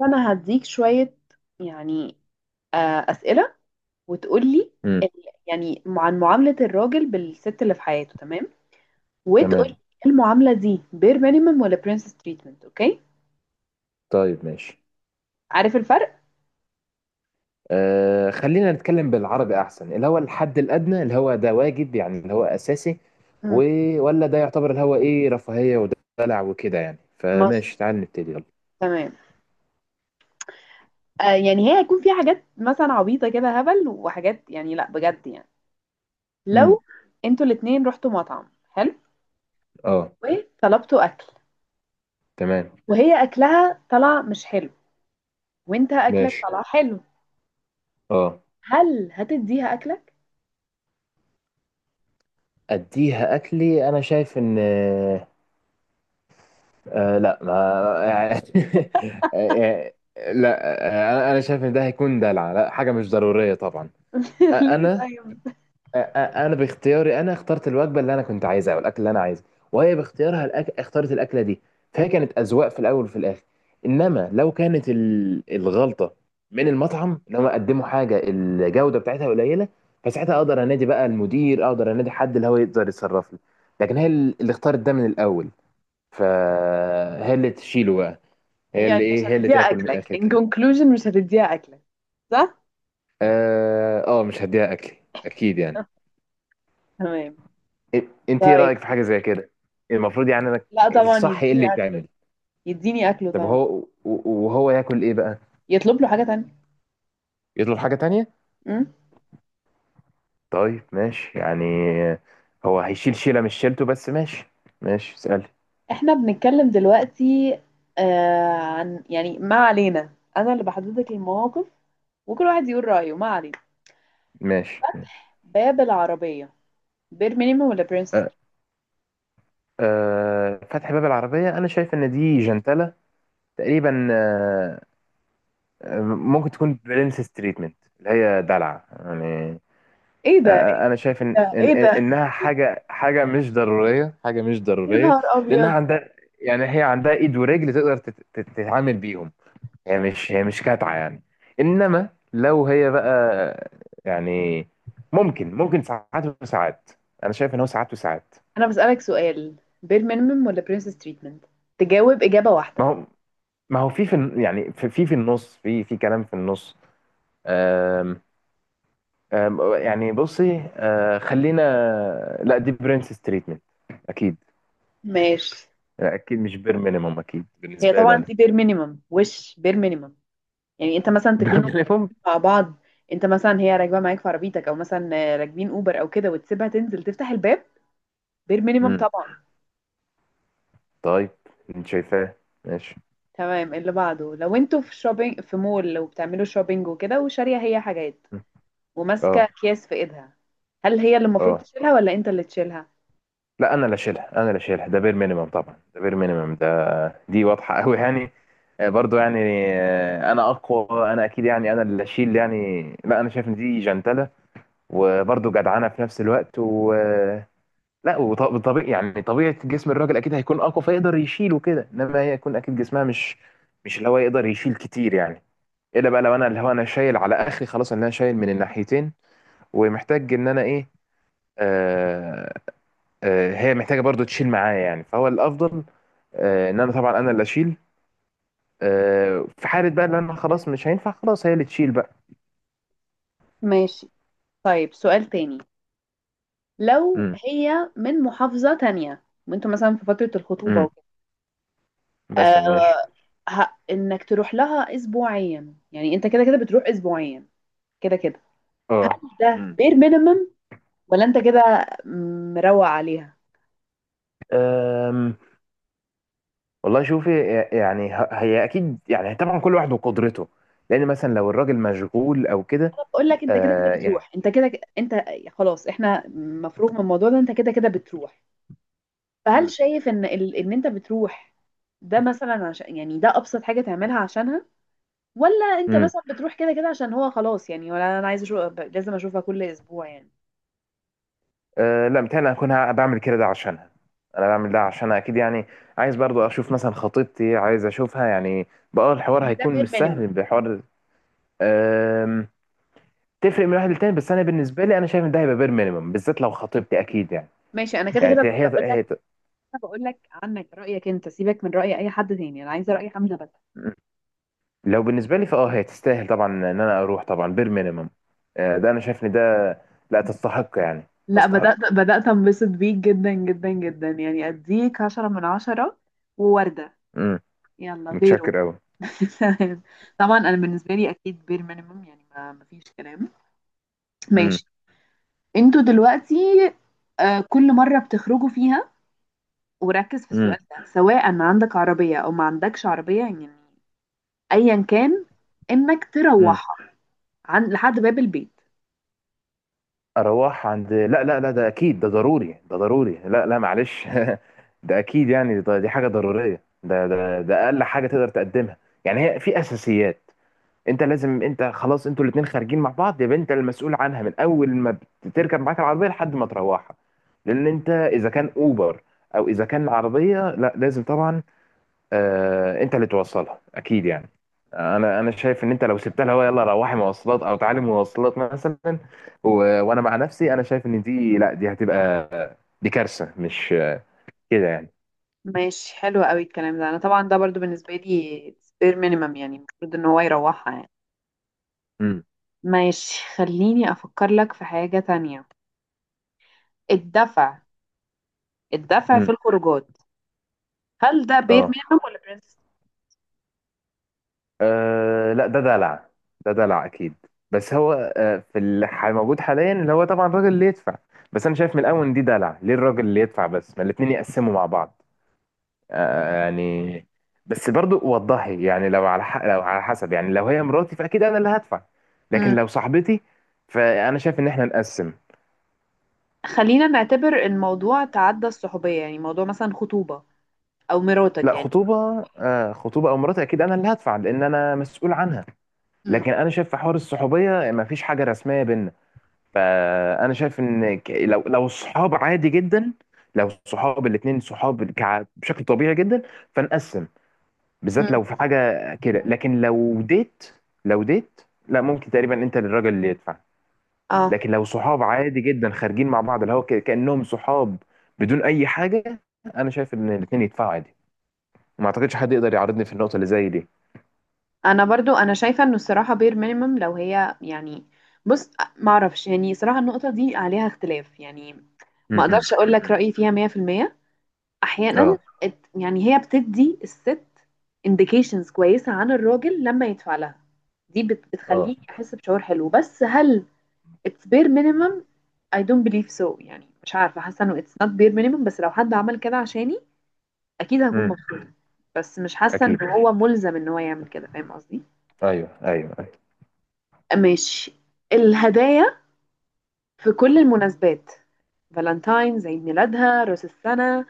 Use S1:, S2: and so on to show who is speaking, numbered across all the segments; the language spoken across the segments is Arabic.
S1: فانا هديك شوية يعني آه، اسئلة وتقولي
S2: امم
S1: ال- يعني عن معاملة الراجل بالست اللي في حياته. تمام. وتقولي
S2: تمام.
S1: المعاملة دي بير مينيمم ولا برنسس تريتمنت. اوكي،
S2: طيب، ماشي.
S1: عارف الفرق؟
S2: آه، خلينا نتكلم بالعربي، احسن اللي هو الحد الادنى، اللي هو ده واجب، يعني اللي هو اساسي، و...
S1: مم.
S2: ولا ده يعتبر اللي هو ايه، رفاهية ودلع وكده. يعني
S1: مصر.
S2: فماشي، تعال نبتدي يلا.
S1: تمام. آه يعني هي هيكون في حاجات مثلا عبيطة كده هبل وحاجات، يعني لا بجد يعني.
S2: امم
S1: لو انتوا الاتنين رحتوا مطعم حلو
S2: اه.
S1: وطلبتوا اكل،
S2: تمام.
S1: وهي اكلها طلع مش حلو وانت اكلك
S2: ماشي.
S1: طلع حلو،
S2: اه،
S1: هل هتديها اكلك؟
S2: اديها اكلي، انا شايف ان آه آه، لا ما... آه، لا، انا شايف ان ده هيكون دلع، لا، حاجة مش ضرورية طبعا.
S1: ليه
S2: انا
S1: طيب؟
S2: انا باختياري، انا اخترت الوجبه اللي انا كنت عايزها، والاكل اللي انا عايزه، وهي باختيارها اختارت الاكله دي، فهي كانت اذواق في الاول وفي الاخر. انما لو كانت الغلطه من المطعم، ان هم قدموا حاجه الجوده بتاعتها قليله، فساعتها اقدر انادي بقى المدير، اقدر انادي حد اللي هو يقدر يتصرف لي. لكن هي اللي اختارت ده من الاول، فهي اللي تشيله بقى. هي
S1: يعني
S2: اللي
S1: مش
S2: ايه، هي اللي
S1: هتديها
S2: تاكل من
S1: اكلك،
S2: الاخر
S1: in
S2: كده.
S1: conclusion مش هتديها اكلك. صح.
S2: اه، مش هديها اكلي، اكيد يعني.
S1: تمام.
S2: إ- انت ايه
S1: طيب،
S2: رايك في حاجه زي كده؟ المفروض يعني انا،
S1: لا طبعا
S2: الصح ايه اللي
S1: يديني اكله.
S2: يتعمل؟
S1: يديني اكله
S2: طب
S1: طبعا.
S2: هو، وهو ياكل ايه بقى؟
S1: يطلب له حاجة تانية.
S2: يطلب حاجه تانية.
S1: أمم.
S2: طيب ماشي يعني، هو هيشيل شيله مش شيلته، بس ماشي. ماشي، اسال.
S1: احنا بنتكلم دلوقتي آه عن، يعني ما علينا، انا اللي بحدد لك المواقف وكل واحد يقول رأيه. ما علينا.
S2: ماشي، ماشي.
S1: باب العربية، بير مينيمم ولا برنسس؟
S2: أه، أه، فتح باب العربيه، انا شايف ان دي جنتله تقريبا. أه، ممكن تكون برنسس تريتمنت، اللي هي دلع يعني.
S1: ايه ده؟ ايه
S2: انا شايف ان
S1: ده؟ ايه ده؟
S2: انها حاجه مش ضروريه، حاجه مش
S1: يا
S2: ضروريه.
S1: نهار
S2: لانها
S1: ابيض.
S2: عندها، يعني هي عندها ايد ورجل تقدر تتعامل بيهم، هي مش كاتعه يعني. انما لو هي بقى، يعني ممكن، ممكن ساعات وساعات، انا شايف ان هو ساعات وساعات.
S1: انا بسألك سؤال، بير مينيمم ولا برنسس تريتمنت؟ تجاوب إجابة
S2: ما
S1: واحدة.
S2: هو ما هو في، في يعني في، في النص، في، في كلام في النص. آم آم يعني بصي، خلينا، لا دي برنسس تريتمنت اكيد.
S1: ماشي.
S2: لا اكيد، مش بير مينيمم، اكيد
S1: هي
S2: بالنسبه لي
S1: طبعا
S2: انا.
S1: دي بير مينيمم. وش بير مينيمم؟ يعني انت مثلا
S2: بير
S1: تكونوا
S2: مينيمم.
S1: راكبين مع بعض، انت مثلا هي راكبه معاك في عربيتك، او مثلا راكبين اوبر او كده، وتسيبها تنزل تفتح الباب. بير مينيمم
S2: امم
S1: طبعا.
S2: طيب، انت شايفاه، ماشي.
S1: تمام، اللي بعده. لو انتوا في شوبينج في مول، لو بتعملوا شوبينج وكده وشاريه هي حاجات
S2: مم.
S1: وماسكه
S2: اه،
S1: اكياس في ايدها، هل هي اللي المفروض
S2: اه
S1: تشيلها ولا انت اللي تشيلها؟
S2: لا، انا اللي شايلها، انا اللي شايلها، ده بير مينيمم طبعا، ده بير مينيمم ده. دي واضحه قوي يعني. برضو يعني، انا اقوى، انا اكيد يعني انا اللي اشيل يعني، لا انا شايف ان دي جنتله وبرضو جدعانه في نفس الوقت. و لا، وطبيعي يعني، طبيعه جسم الراجل اكيد هيكون اقوى فيقدر يشيل وكده، انما هي يكون اكيد جسمها مش، مش اللي هو يقدر يشيل كتير يعني. الا بقى لو انا، اللي هو انا شايل على اخري خلاص، ان انا شايل من الناحيتين ومحتاج ان انا ايه، آه، آه هي محتاجه برضو تشيل معايا يعني، فهو الافضل آه، ان انا طبعا انا اللي اشيل. آه، في حاله بقى ان انا خلاص مش هينفع، خلاص هي اللي تشيل بقى.
S1: ماشي. طيب سؤال تاني. لو
S2: امم
S1: هي من محافظه تانية وانتوا مثلا في فتره الخطوبه
S2: امم
S1: وكده،
S2: مثلا ماشي.
S1: آه، انك تروح لها اسبوعيا. يعني انت كده كده بتروح اسبوعيا، كده كده.
S2: اه.
S1: ده
S2: امم
S1: بير مينيمم ولا انت كده مروق عليها؟
S2: أم، والله شوفي، يعني هي اكيد يعني، طبعا كل واحد وقدرته، لان مثلا لو الراجل مشغول او كده.
S1: انا بقول لك، انت كده كده
S2: آه يعني.
S1: بتروح، انت كده انت خلاص، احنا مفروغ من الموضوع ده، انت كده كده بتروح. فهل شايف ان ان انت بتروح ده مثلا عشان، يعني ده ابسط حاجه تعملها عشانها، ولا انت
S2: مم.
S1: مثلا بتروح كده كده عشان هو خلاص، يعني ولا انا عايز اشوف، لازم اشوفها كل اسبوع يعني؟
S2: أه لا، متهيألي أنا هكون بعمل كده ده عشانها، أنا بعمل ده عشانها أكيد يعني. عايز برضو أشوف مثلا خطيبتي، عايز أشوفها يعني، بقى الحوار
S1: يعني ده
S2: هيكون
S1: بير
S2: مش
S1: مينيمم.
S2: سهل بحوار. أم، تفرق من واحد للتاني، بس أنا بالنسبة لي أنا شايف إن ده هيبقى بير مينيمم، بالذات لو خطيبتي، أكيد يعني.
S1: ماشي، انا كده
S2: يعني
S1: كده بقول. انا
S2: هي،
S1: بقول لك عنك، رايك انت، سيبك من راي اي حد تاني، انا عايزه راي حمزه بس.
S2: لو بالنسبة لي فأه هي تستاهل طبعا إن أنا أروح، طبعا بير مينيمم. أه، ده أنا شايف إن ده، لا تستحق يعني،
S1: لا، بدأت
S2: تستحق.
S1: بدأت انبسط بيك جدا جدا جدا، يعني اديك عشرة من عشرة ووردة.
S2: امم
S1: يلا غيره.
S2: متشكر أوي.
S1: طبعا انا بالنسبة لي اكيد بير مينيمم، يعني ما فيش كلام.
S2: امم
S1: ماشي. انتوا دلوقتي، آه، كل مرة بتخرجوا فيها، وركز في السؤال ده، سواء ما عندك عربية او ما عندكش عربية، يعني ايا كان، انك
S2: امم
S1: تروحها عن لحد باب البيت.
S2: اروح عند، لا لا لا، ده اكيد، ده ضروري، ده ضروري، لا لا معلش. ده اكيد يعني، ده دي حاجه ضروريه، ده اقل حاجه تقدر تقدمها. يعني هي في اساسيات، انت لازم، انت خلاص انتوا الاتنين خارجين مع بعض، يبقى انت المسؤول عنها من اول ما بتركب معاك العربيه لحد ما تروحها. لان انت اذا كان اوبر او اذا كان عربيه، لا لازم طبعا، انت اللي توصلها اكيد يعني. انا شايف ان انت لو سبتها لها يلا روحي مواصلات او تعالي مواصلات مثلا، و... وانا مع نفسي، انا شايف ان دي، لا دي هتبقى، دي كارثه، مش كده يعني.
S1: ماشي، حلو قوي الكلام ده. انا طبعا ده برضو بالنسبه لي سبير مينيمم، يعني المفروض ان هو يروحها يعني.
S2: امم
S1: ماشي، خليني افكر لك في حاجه تانية. الدفع، الدفع في
S2: امم
S1: الخروجات، هل ده بير
S2: اه،
S1: مينيمم ولا برنس؟
S2: لا ده دلع، ده دلع اكيد. بس هو، في اللي موجود حاليا، اللي هو طبعا الراجل اللي يدفع، بس انا شايف من الاول ان دي دلع. ليه الراجل اللي يدفع بس، ما الاتنين يقسموا مع بعض؟ يعني بس برضو وضحي يعني، لو على لو على حسب، يعني لو هي مراتي فاكيد انا اللي هدفع، لكن
S1: امم.
S2: لو صاحبتي فانا شايف ان احنا نقسم.
S1: خلينا نعتبر الموضوع تعدى الصحوبيه، يعني موضوع مثلا خطوبه او مراتك
S2: لا،
S1: يعني.
S2: خطوبه آه، خطوبه او مراتي اكيد انا اللي هدفع، لان انا مسؤول عنها.
S1: امم.
S2: لكن انا شايف في حوار الصحوبيه ما فيش حاجه رسميه بينا، فانا شايف ان لو الصحاب عادي جدا، لو الصحاب الاتنين صحاب بشكل طبيعي جدا، فنقسم، بالذات
S1: امم.
S2: لو في حاجة كده. لكن لو ديت، لو ديت، لا ممكن تقريبا انت للراجل اللي يدفع،
S1: اه.
S2: لكن لو صحاب عادي جدا خارجين مع بعض، اللي هو كأنهم صحاب بدون اي حاجة، انا شايف ان الاتنين يدفعوا عادي، ما اعتقدش حد يقدر يعارضني في النقطة اللي زي دي.
S1: انا برضو انا شايفه انه الصراحه بير مينيمم لو هي يعني، بص، معرفش، يعني صراحه النقطه دي عليها اختلاف يعني، ما
S2: امم
S1: اقدرش اقول لك رايي فيها 100%. احيانا،
S2: اه،
S1: يعني هي بتدي الست indications كويسه عن الراجل لما يدفع لها، دي
S2: اه.
S1: بتخليه يحس بشعور حلو، بس هل it's bare minimum؟ I don't believe so. يعني مش عارفه، حاسه انه it's not bare minimum، بس لو حد عمل كده عشاني اكيد هكون
S2: امم
S1: مبسوطه، بس مش حاسه
S2: اكيد.
S1: انه هو ملزم ان هو يعمل كده. فاهم قصدي؟
S2: ايوه ايوه ايوه.
S1: ماشي. الهدايا في كل المناسبات، فالنتاينز، عيد ميلادها، راس السنه،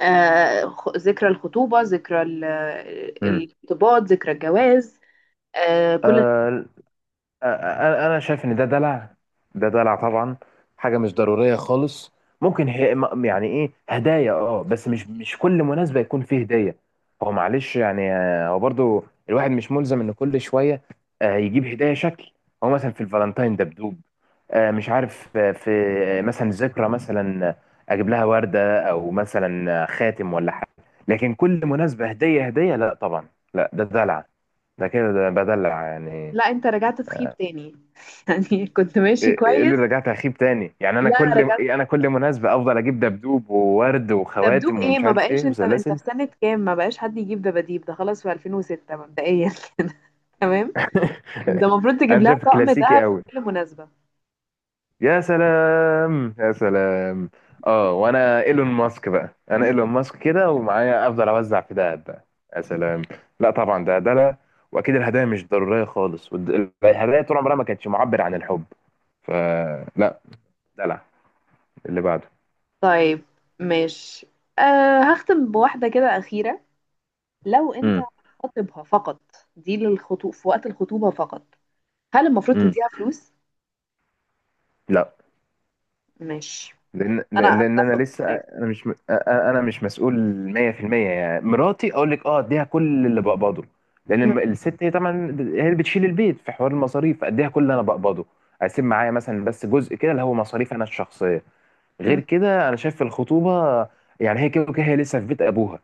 S1: آه، ذكرى الخطوبة، ذكرى الارتباط، ذكرى الجواز، آه، كل.
S2: امم انا شايف ان ده دلع، ده دلع طبعا، حاجه مش ضروريه خالص. ممكن هي يعني ايه، هدايا اه، بس مش، مش كل مناسبه يكون فيه هديه، هو معلش يعني. هو برضو الواحد مش ملزم ان كل شويه يجيب هدايا شكل، هو مثلا في الفالنتاين دبدوب، مش عارف، آه، في آه، مثلا ذكرى، مثلا، اجيب لها ورده، او مثلا خاتم ولا حاجه. لكن كل مناسبه هديه، هديه لا طبعا، لا ده دلع، ده كده ده بدلع يعني.
S1: لا، انت رجعت تخيب تاني. يعني كنت ماشي
S2: ايه، إيه اللي
S1: كويس.
S2: رجعت اخيب تاني يعني، انا
S1: لا
S2: كل
S1: رجعت.
S2: إيه، انا كل مناسبه افضل اجيب دبدوب وورد
S1: دبدوب
S2: وخواتم
S1: ايه؟
S2: ومش
S1: ما
S2: عارف
S1: بقاش
S2: ايه
S1: انت، انت
S2: وسلاسل؟
S1: في سنة كام؟ ما بقاش حد يجيب دباديب، ده خلاص في 2006 مبدئيا. تمام. ده المفروض تجيب
S2: انا
S1: لها
S2: شايف
S1: طقم
S2: كلاسيكي
S1: دهب في
S2: قوي،
S1: كل مناسبة.
S2: يا سلام، يا سلام. اه، وانا ايلون ماسك بقى، انا ايلون ماسك كده ومعايا، افضل اوزع في دهب بقى، يا سلام. لا طبعا، ده ده لا. واكيد الهدايا مش ضروريه خالص، الهدايا طول عمرها ما كانتش معبر عن الحب، فلا، دلع. اللي بعده.
S1: طيب ماشي. أه، هختم بواحدة كده أخيرة. لو انت
S2: امم
S1: خاطبها فقط، دي للخطوب في وقت الخطوبة فقط، هل المفروض
S2: امم
S1: تديها فلوس؟
S2: لا.
S1: ماشي.
S2: لان
S1: انا
S2: لان لأن
S1: اتفق
S2: انا لسه،
S1: معاك.
S2: انا مش انا مش مسؤول 100%، يعني مراتي اقول لك اه اديها كل اللي بقبضه، لان
S1: م-
S2: الست هي طبعا هي اللي بتشيل البيت في حوار المصاريف، اديها كل اللي انا بقبضه، اسيب معايا مثلا بس جزء كده اللي هو مصاريف انا الشخصيه. غير
S1: م-
S2: كده انا شايف الخطوبه، يعني هي كده وكده هي لسه في بيت ابوها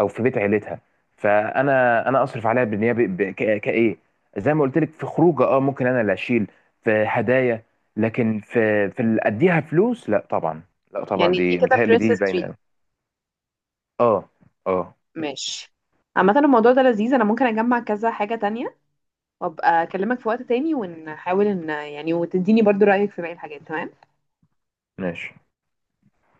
S2: او في بيت عيلتها، انا اصرف عليها بالنيابه كايه، زي ما قلت لك، في خروجه اه ممكن انا اللي اشيل، في هدايا، لكن في، في اللي اديها فلوس، لا طبعا، لا
S1: يعني
S2: طبعا
S1: دي
S2: دي
S1: كده
S2: متهيألي دي
S1: برنسس
S2: باينه
S1: تريت.
S2: أوي. اه. اه،
S1: ماشي. عامة الموضوع ده لذيذ، انا ممكن اجمع كذا حاجة تانية وابقى اكلمك في وقت تاني، ونحاول ان يعني، وتديني برضو رأيك في باقي الحاجات. تمام.
S2: ماشي.